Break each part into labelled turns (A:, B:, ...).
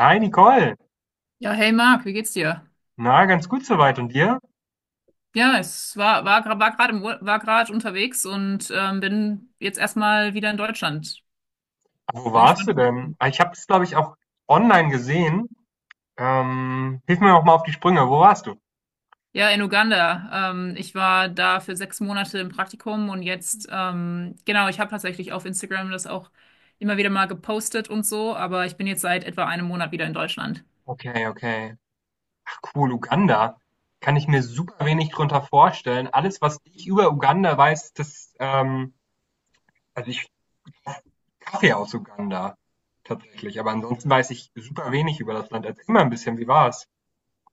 A: Hi Nicole,
B: Ja, hey Marc, wie geht's dir?
A: na ganz gut soweit und dir?
B: Ja, es war, war gerade war gerade unterwegs und bin jetzt erstmal wieder in Deutschland.
A: Wo
B: Bin
A: warst du
B: gespannt.
A: denn? Ah, ich habe es glaube ich auch online gesehen. Hilf mir noch mal auf die Sprünge. Wo warst du?
B: Ja, in Uganda. Ich war da für sechs Monate im Praktikum und jetzt, genau, ich habe tatsächlich auf Instagram das auch immer wieder mal gepostet und so, aber ich bin jetzt seit etwa einem Monat wieder in Deutschland.
A: Okay, okay. Ach cool, Uganda. Kann ich mir super wenig drunter vorstellen. Alles, was ich über Uganda weiß, das also ich Kaffee aus Uganda tatsächlich. Aber ansonsten weiß ich super wenig über das Land. Erzähl mal ein bisschen, wie war's?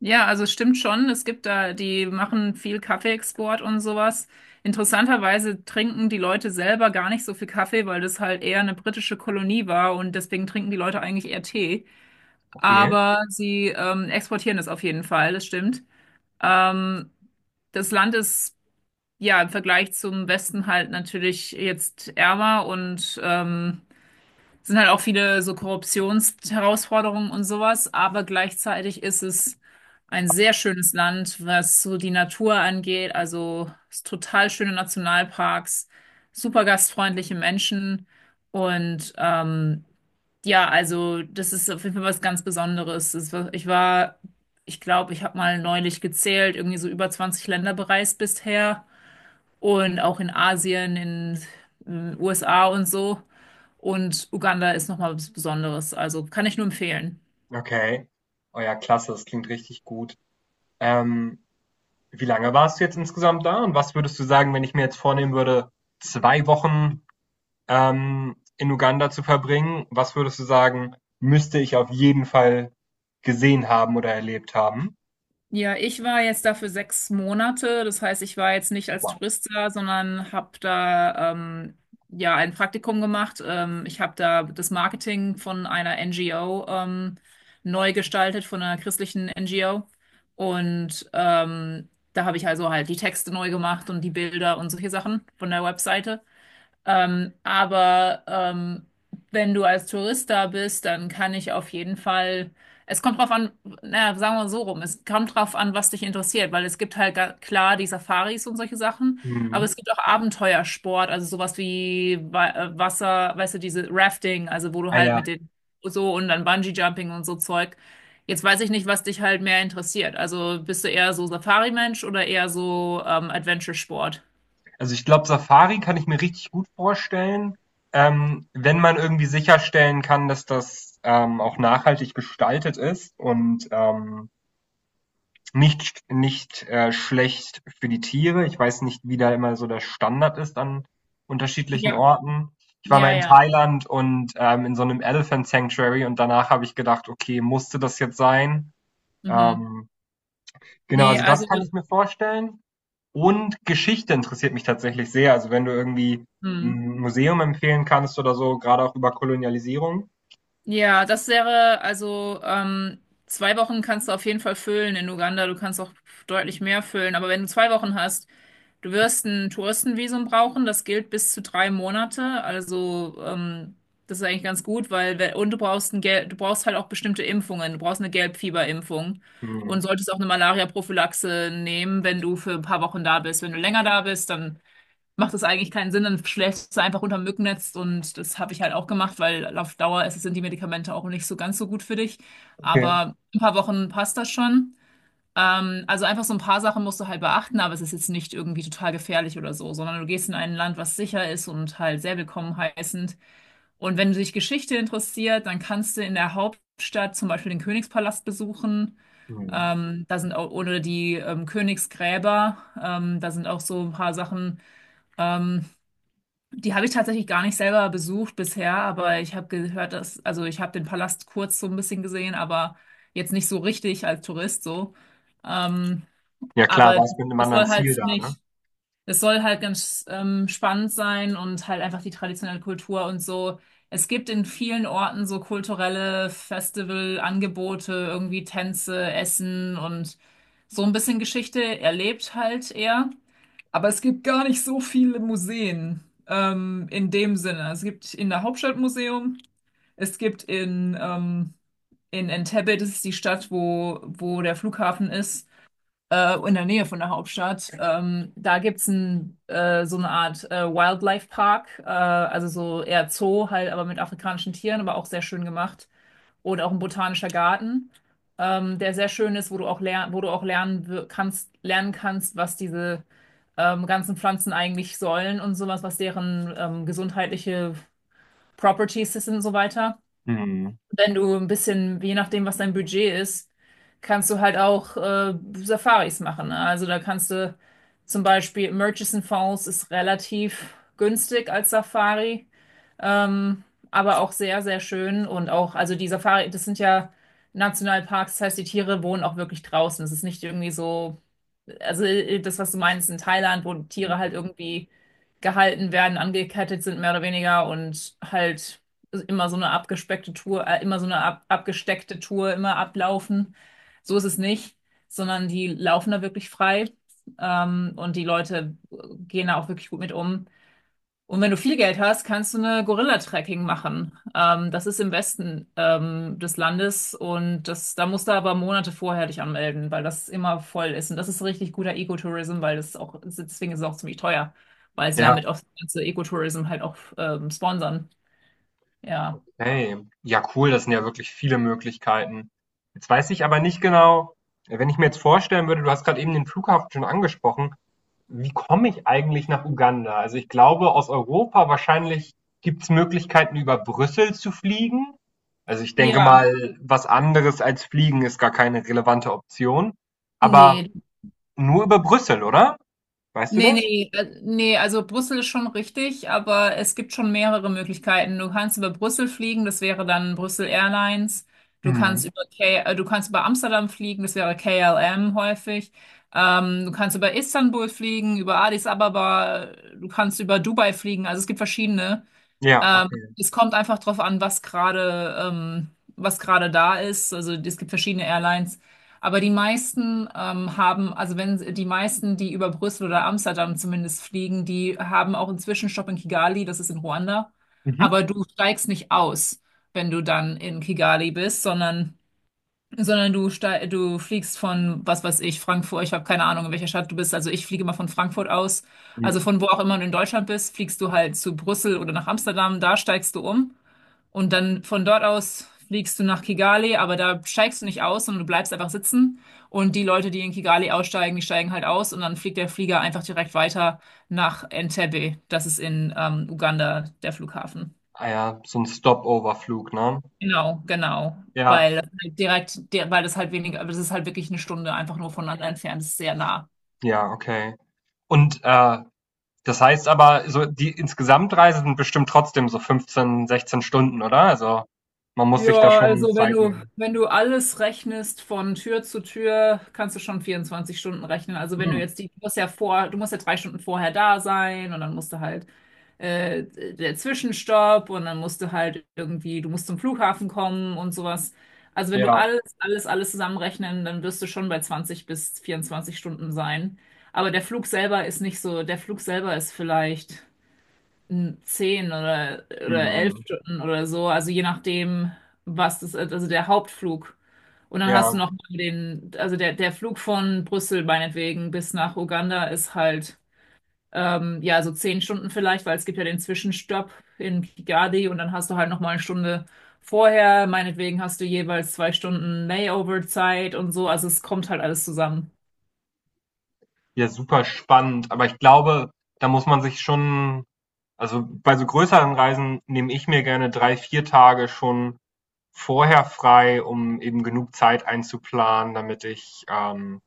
B: Ja, also es stimmt schon. Es gibt da, die machen viel Kaffeeexport und sowas. Interessanterweise trinken die Leute selber gar nicht so viel Kaffee, weil das halt eher eine britische Kolonie war und deswegen trinken die Leute eigentlich eher Tee.
A: Okay,
B: Aber sie exportieren das auf jeden Fall, das stimmt. Ähm, das Land ist ja im Vergleich zum Westen halt natürlich jetzt ärmer und sind halt auch viele so Korruptionsherausforderungen und sowas, aber gleichzeitig ist es ein sehr schönes Land, was so die Natur angeht, also es total schöne Nationalparks, super gastfreundliche Menschen und ja, also das ist auf jeden Fall was ganz Besonderes. Ich war, ich glaube, ich habe mal neulich gezählt, irgendwie so über 20 Länder bereist bisher und auch in Asien, in den USA und so. Und Uganda ist nochmal was Besonderes. Also kann ich nur empfehlen.
A: okay. Oh ja, klasse. Das klingt richtig gut. Ähm, Wie lange warst du jetzt insgesamt da und was würdest du sagen, wenn ich mir jetzt vornehmen würde, 2 Wochen, in Uganda zu verbringen, was würdest du sagen, müsste ich auf jeden Fall gesehen haben oder erlebt haben?
B: Ja, ich war jetzt da für sechs Monate. Das heißt, ich war jetzt nicht als
A: Wow.
B: Tourist da, sondern habe da ja ein Praktikum gemacht. Ich habe da das Marketing von einer NGO neu gestaltet, von einer christlichen NGO. Und da habe ich also halt die Texte neu gemacht und die Bilder und solche Sachen von der Webseite. Aber wenn du als Tourist da bist, dann kann ich auf jeden Fall. Es kommt drauf an, naja, sagen wir so rum, es kommt drauf an, was dich interessiert, weil es gibt klar die Safaris und solche Sachen, aber
A: Mhm.
B: es gibt auch Abenteuersport, also sowas wie Wasser, weißt du, diese Rafting, also wo du
A: Ah
B: halt
A: ja,
B: mit den so und dann Bungee-Jumping und so Zeug. Jetzt weiß ich nicht, was dich halt mehr interessiert. Also bist du eher so Safari-Mensch oder eher so Adventure-Sport?
A: also ich glaube, Safari kann ich mir richtig gut vorstellen, wenn man irgendwie sicherstellen kann, dass das, auch nachhaltig gestaltet ist und nicht, schlecht für die Tiere. Ich weiß nicht, wie da immer so der Standard ist an unterschiedlichen
B: Ja.
A: Orten. Ich war mal
B: Ja,
A: in
B: ja.
A: Thailand und, in so einem Elephant Sanctuary, und danach habe ich gedacht: „Okay, musste das jetzt sein?"
B: Mhm.
A: Ähm, genau,
B: Nee,
A: also das
B: also,
A: kann ich mir vorstellen. Und Geschichte interessiert mich tatsächlich sehr. Also, wenn du irgendwie
B: hm.
A: 'n Museum empfehlen kannst oder so, gerade auch über Kolonialisierung.
B: Ja, das wäre, also zwei Wochen kannst du auf jeden Fall füllen in Uganda. Du kannst auch deutlich mehr füllen. Aber wenn du zwei Wochen hast, du wirst ein Touristenvisum brauchen. Das gilt bis zu drei Monate. Also das ist eigentlich ganz gut, weil und du brauchst ein Gel du brauchst halt auch bestimmte Impfungen. Du brauchst eine Gelbfieberimpfung und
A: Mhm,
B: solltest auch eine Malaria-Prophylaxe nehmen, wenn du für ein paar Wochen da bist. Wenn du länger da bist, dann macht es eigentlich keinen Sinn, dann schläfst du einfach unter dem Mückennetz und das habe ich halt auch gemacht, weil auf Dauer ist, sind die Medikamente auch nicht so ganz so gut für dich.
A: okay.
B: Aber ein paar Wochen passt das schon. Also einfach so ein paar Sachen musst du halt beachten, aber es ist jetzt nicht irgendwie total gefährlich oder so, sondern du gehst in ein Land, was sicher ist und halt sehr willkommen heißend. Und wenn du dich Geschichte interessiert, dann kannst du in der Hauptstadt zum Beispiel den Königspalast besuchen.
A: Mhm.
B: Da sind auch, oder die Königsgräber, da sind auch so ein paar Sachen. Ähm, die habe ich tatsächlich gar nicht selber besucht bisher, aber ich habe gehört, dass, also ich habe den Palast kurz so ein bisschen gesehen, aber jetzt nicht so richtig als Tourist so. Ähm,
A: Ja klar,
B: aber
A: warst mit einem
B: es
A: anderen
B: soll halt
A: Ziel da,
B: ziemlich,
A: ne?
B: es soll halt ganz spannend sein und halt einfach die traditionelle Kultur und so. Es gibt in vielen Orten so kulturelle Festivalangebote, irgendwie Tänze, Essen und so ein bisschen Geschichte erlebt halt eher. Aber es gibt gar nicht so viele Museen in dem Sinne. Es gibt in der Hauptstadt Museum, es gibt in Entebbe, das ist die Stadt, wo der Flughafen ist, in der Nähe von der Hauptstadt. Da gibt es ein, so eine Art Wildlife Park, also so eher Zoo halt, aber mit afrikanischen Tieren, aber auch sehr schön gemacht oder auch ein botanischer Garten, der sehr schön ist, wo du auch lernen kannst, was diese ganzen Pflanzen eigentlich sollen und sowas, was deren gesundheitliche Properties sind und so weiter.
A: Mhm.
B: Wenn du ein bisschen, je nachdem, was dein Budget ist, kannst du halt auch Safaris machen. Ne? Also da kannst du zum Beispiel Murchison Falls ist relativ günstig als Safari. Ähm, aber auch sehr, sehr schön und auch, also die Safari, das sind ja Nationalparks, das heißt, die Tiere wohnen auch wirklich draußen. Es ist nicht irgendwie so, also das, was du meinst in Thailand, wo Tiere
A: Mhm.
B: halt irgendwie gehalten werden, angekettet sind, mehr oder weniger und halt immer so eine abgespeckte Tour, immer so eine abgesteckte Tour, immer ablaufen. So ist es nicht, sondern die laufen da wirklich frei. Und die Leute gehen da auch wirklich gut mit um. Und wenn du viel Geld hast, kannst du eine Gorilla-Trekking machen. Das ist im Westen des Landes und das, da musst du aber Monate vorher dich anmelden, weil das immer voll ist. Und das ist richtig guter Ecotourism, weil das ist auch, deswegen ist es auch ziemlich teuer, weil sie
A: Ja.
B: damit auch das ganze Ecotourism halt auch sponsern. Ja.
A: Hey, ja cool, das sind ja wirklich viele Möglichkeiten. Jetzt weiß ich aber nicht genau, wenn ich mir jetzt vorstellen würde, du hast gerade eben den Flughafen schon angesprochen, wie komme ich eigentlich nach Uganda? Also ich glaube, aus Europa wahrscheinlich gibt es Möglichkeiten, über Brüssel zu fliegen. Also ich denke
B: Ja.
A: mal, was anderes als fliegen ist gar keine relevante Option. Aber
B: Nee,
A: nur über Brüssel, oder? Weißt du
B: Nee,
A: das?
B: nee, äh, nee, also Brüssel ist schon richtig, aber es gibt schon mehrere Möglichkeiten. Du kannst über Brüssel fliegen, das wäre dann Brüssel Airlines. Du kannst
A: Mhm.
B: über K du kannst über Amsterdam fliegen, das wäre KLM häufig. Du kannst über Istanbul fliegen, über Addis Ababa, du kannst über Dubai fliegen. Also es gibt verschiedene.
A: Ja,
B: Ähm,
A: okay.
B: Es kommt einfach drauf an, was gerade da ist. Also es gibt verschiedene Airlines, aber die meisten haben, also wenn die meisten, die über Brüssel oder Amsterdam zumindest fliegen, die haben auch einen Zwischenstopp in Kigali, das ist in Ruanda.
A: Mhm.
B: Aber du steigst nicht aus, wenn du dann in Kigali bist, sondern du fliegst von, was weiß ich, Frankfurt, ich habe keine Ahnung, in welcher Stadt du bist, also ich fliege immer von Frankfurt aus, also
A: Mhm.
B: von wo auch immer du in Deutschland bist, fliegst du halt zu Brüssel oder nach Amsterdam, da steigst du um und dann von dort aus fliegst du nach Kigali, aber da steigst du nicht aus, sondern du bleibst einfach sitzen und die Leute, die in Kigali aussteigen, die steigen halt aus und dann fliegt der Flieger einfach direkt weiter nach Entebbe, das ist in Uganda der Flughafen.
A: Ah ja, so ein Stopover-Flug, ne?
B: Genau, genau.
A: Ja,
B: Weil das halt direkt, der, weil das halt weniger, aber das ist halt wirklich eine Stunde einfach nur voneinander entfernt, das ist sehr nah.
A: ja, okay. Und das heißt aber, so die Insgesamtreise sind bestimmt trotzdem so 15, 16 Stunden, oder? Also man muss sich da
B: Ja,
A: schon
B: also wenn
A: Zeit
B: du,
A: nehmen.
B: wenn du alles rechnest von Tür zu Tür, kannst du schon 24 Stunden rechnen. Also wenn du
A: Hm,
B: jetzt die, du musst ja vor, du musst ja drei Stunden vorher da sein und dann musst du halt äh, der Zwischenstopp und dann musst du halt irgendwie, du musst zum Flughafen kommen und sowas. Also wenn du
A: ja,
B: alles zusammenrechnen, dann wirst du schon bei 20 bis 24 Stunden sein. Aber der Flug selber ist nicht so, der Flug selber ist vielleicht zehn oder elf
A: hm,
B: Stunden oder so, also je nachdem, was das ist, also der Hauptflug. Und dann
A: ja,
B: hast du noch mal den, also der Flug von Brüssel meinetwegen bis nach Uganda ist halt, ja, so zehn Stunden vielleicht, weil es gibt ja den Zwischenstopp in Kigali und dann hast du halt noch mal eine Stunde vorher, meinetwegen hast du jeweils zwei Stunden Layover-Zeit und so, also es kommt halt alles zusammen.
A: ja, super spannend. Aber ich glaube, da muss man sich schon, also bei so größeren Reisen nehme ich mir gerne drei, vier Tage schon vorher frei, um eben genug Zeit einzuplanen, damit ich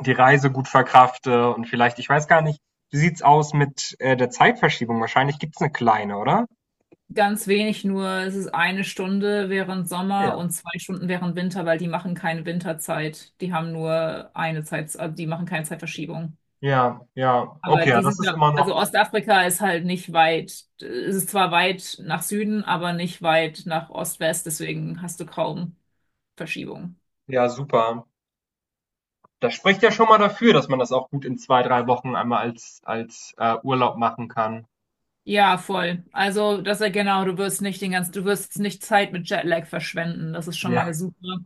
A: die Reise gut verkrafte, und vielleicht, ich weiß gar nicht, wie sieht's aus mit der Zeitverschiebung? Wahrscheinlich gibt's eine kleine, oder?
B: Ganz wenig nur, es ist eine Stunde während Sommer
A: Ja.
B: und zwei Stunden während Winter, weil die machen keine Winterzeit. Die haben nur eine Zeit, also die machen keine Zeitverschiebung.
A: Ja, ja.
B: Aber
A: Okay, ja,
B: die
A: das
B: sind
A: ist
B: ja,
A: immer
B: also
A: noch,
B: Ostafrika ist halt nicht weit, es ist zwar weit nach Süden, aber nicht weit nach Ost-West, deswegen hast du kaum Verschiebung.
A: ja, super. Das spricht ja schon mal dafür, dass man das auch gut in zwei, drei Wochen einmal als Urlaub machen kann.
B: Ja, voll. Also, das ist ja genau, du wirst nicht den ganzen, du wirst nicht Zeit mit Jetlag verschwenden, das ist schon
A: Ja,
B: mal super.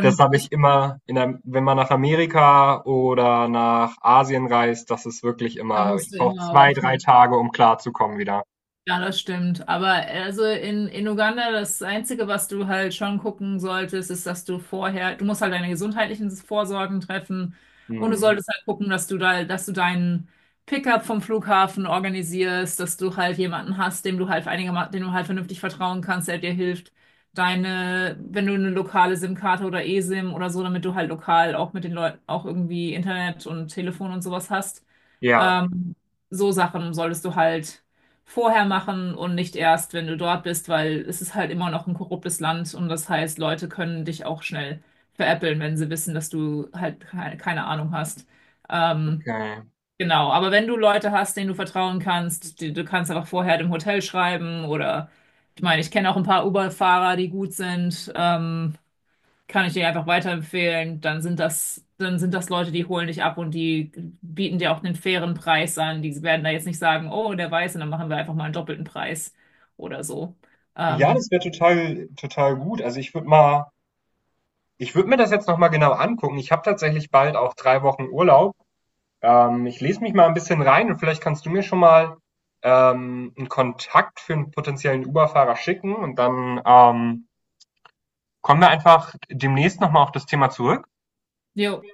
A: das habe
B: es,
A: ich immer, in der, wenn man nach Amerika oder nach Asien reist, das ist wirklich
B: da
A: immer, ich
B: musst du
A: brauche
B: immer
A: zwei, drei
B: rechnen.
A: Tage, um klarzukommen wieder.
B: Ja, das stimmt. Aber also in Uganda, das Einzige, was du halt schon gucken solltest, ist, dass du vorher, du musst halt deine gesundheitlichen Vorsorgen treffen und du
A: Hm.
B: solltest halt gucken, dass du da, dass du deinen Pickup vom Flughafen organisierst, dass du halt jemanden hast, dem du halt einigermaßen, dem du halt vernünftig vertrauen kannst, der dir hilft, deine, wenn du eine lokale SIM-Karte oder eSIM oder so, damit du halt lokal auch mit den Leuten auch irgendwie Internet und Telefon und sowas hast.
A: Ja,
B: Ähm, so Sachen solltest du halt vorher machen und nicht erst, wenn du dort bist, weil es ist halt immer noch ein korruptes Land und das heißt, Leute können dich auch schnell veräppeln, wenn sie wissen, dass du halt keine Ahnung hast. Ähm,
A: okay.
B: genau, aber wenn du Leute hast, denen du vertrauen kannst, die, du kannst einfach vorher dem Hotel schreiben oder ich meine, ich kenne auch ein paar Uber-Fahrer, die gut sind. Kann ich dir einfach weiterempfehlen. Dann sind das Leute, die holen dich ab und die bieten dir auch einen fairen Preis an. Die werden da jetzt nicht sagen, oh, der weiße dann machen wir einfach mal einen doppelten Preis oder so.
A: Ja,
B: Ähm,
A: das wäre total total gut. Also, ich würde mir das jetzt noch mal genau angucken. Ich habe tatsächlich bald auch 3 Wochen Urlaub. Ich lese mich mal ein bisschen rein, und vielleicht kannst du mir schon mal, 'n Kontakt für einen potenziellen Uber-Fahrer schicken, und dann kommen wir einfach demnächst noch mal auf das Thema zurück.
B: Jo,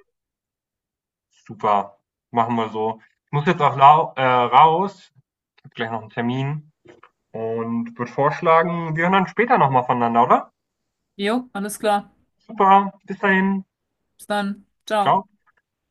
A: Super, machen wir so. Ich muss jetzt auch lau raus. Ich habe gleich noch einen Termin und würde vorschlagen, wir hören dann später noch mal voneinander, oder?
B: jo, alles klar.
A: Super, bis dahin.
B: Bis dann. Ciao.
A: Ciao.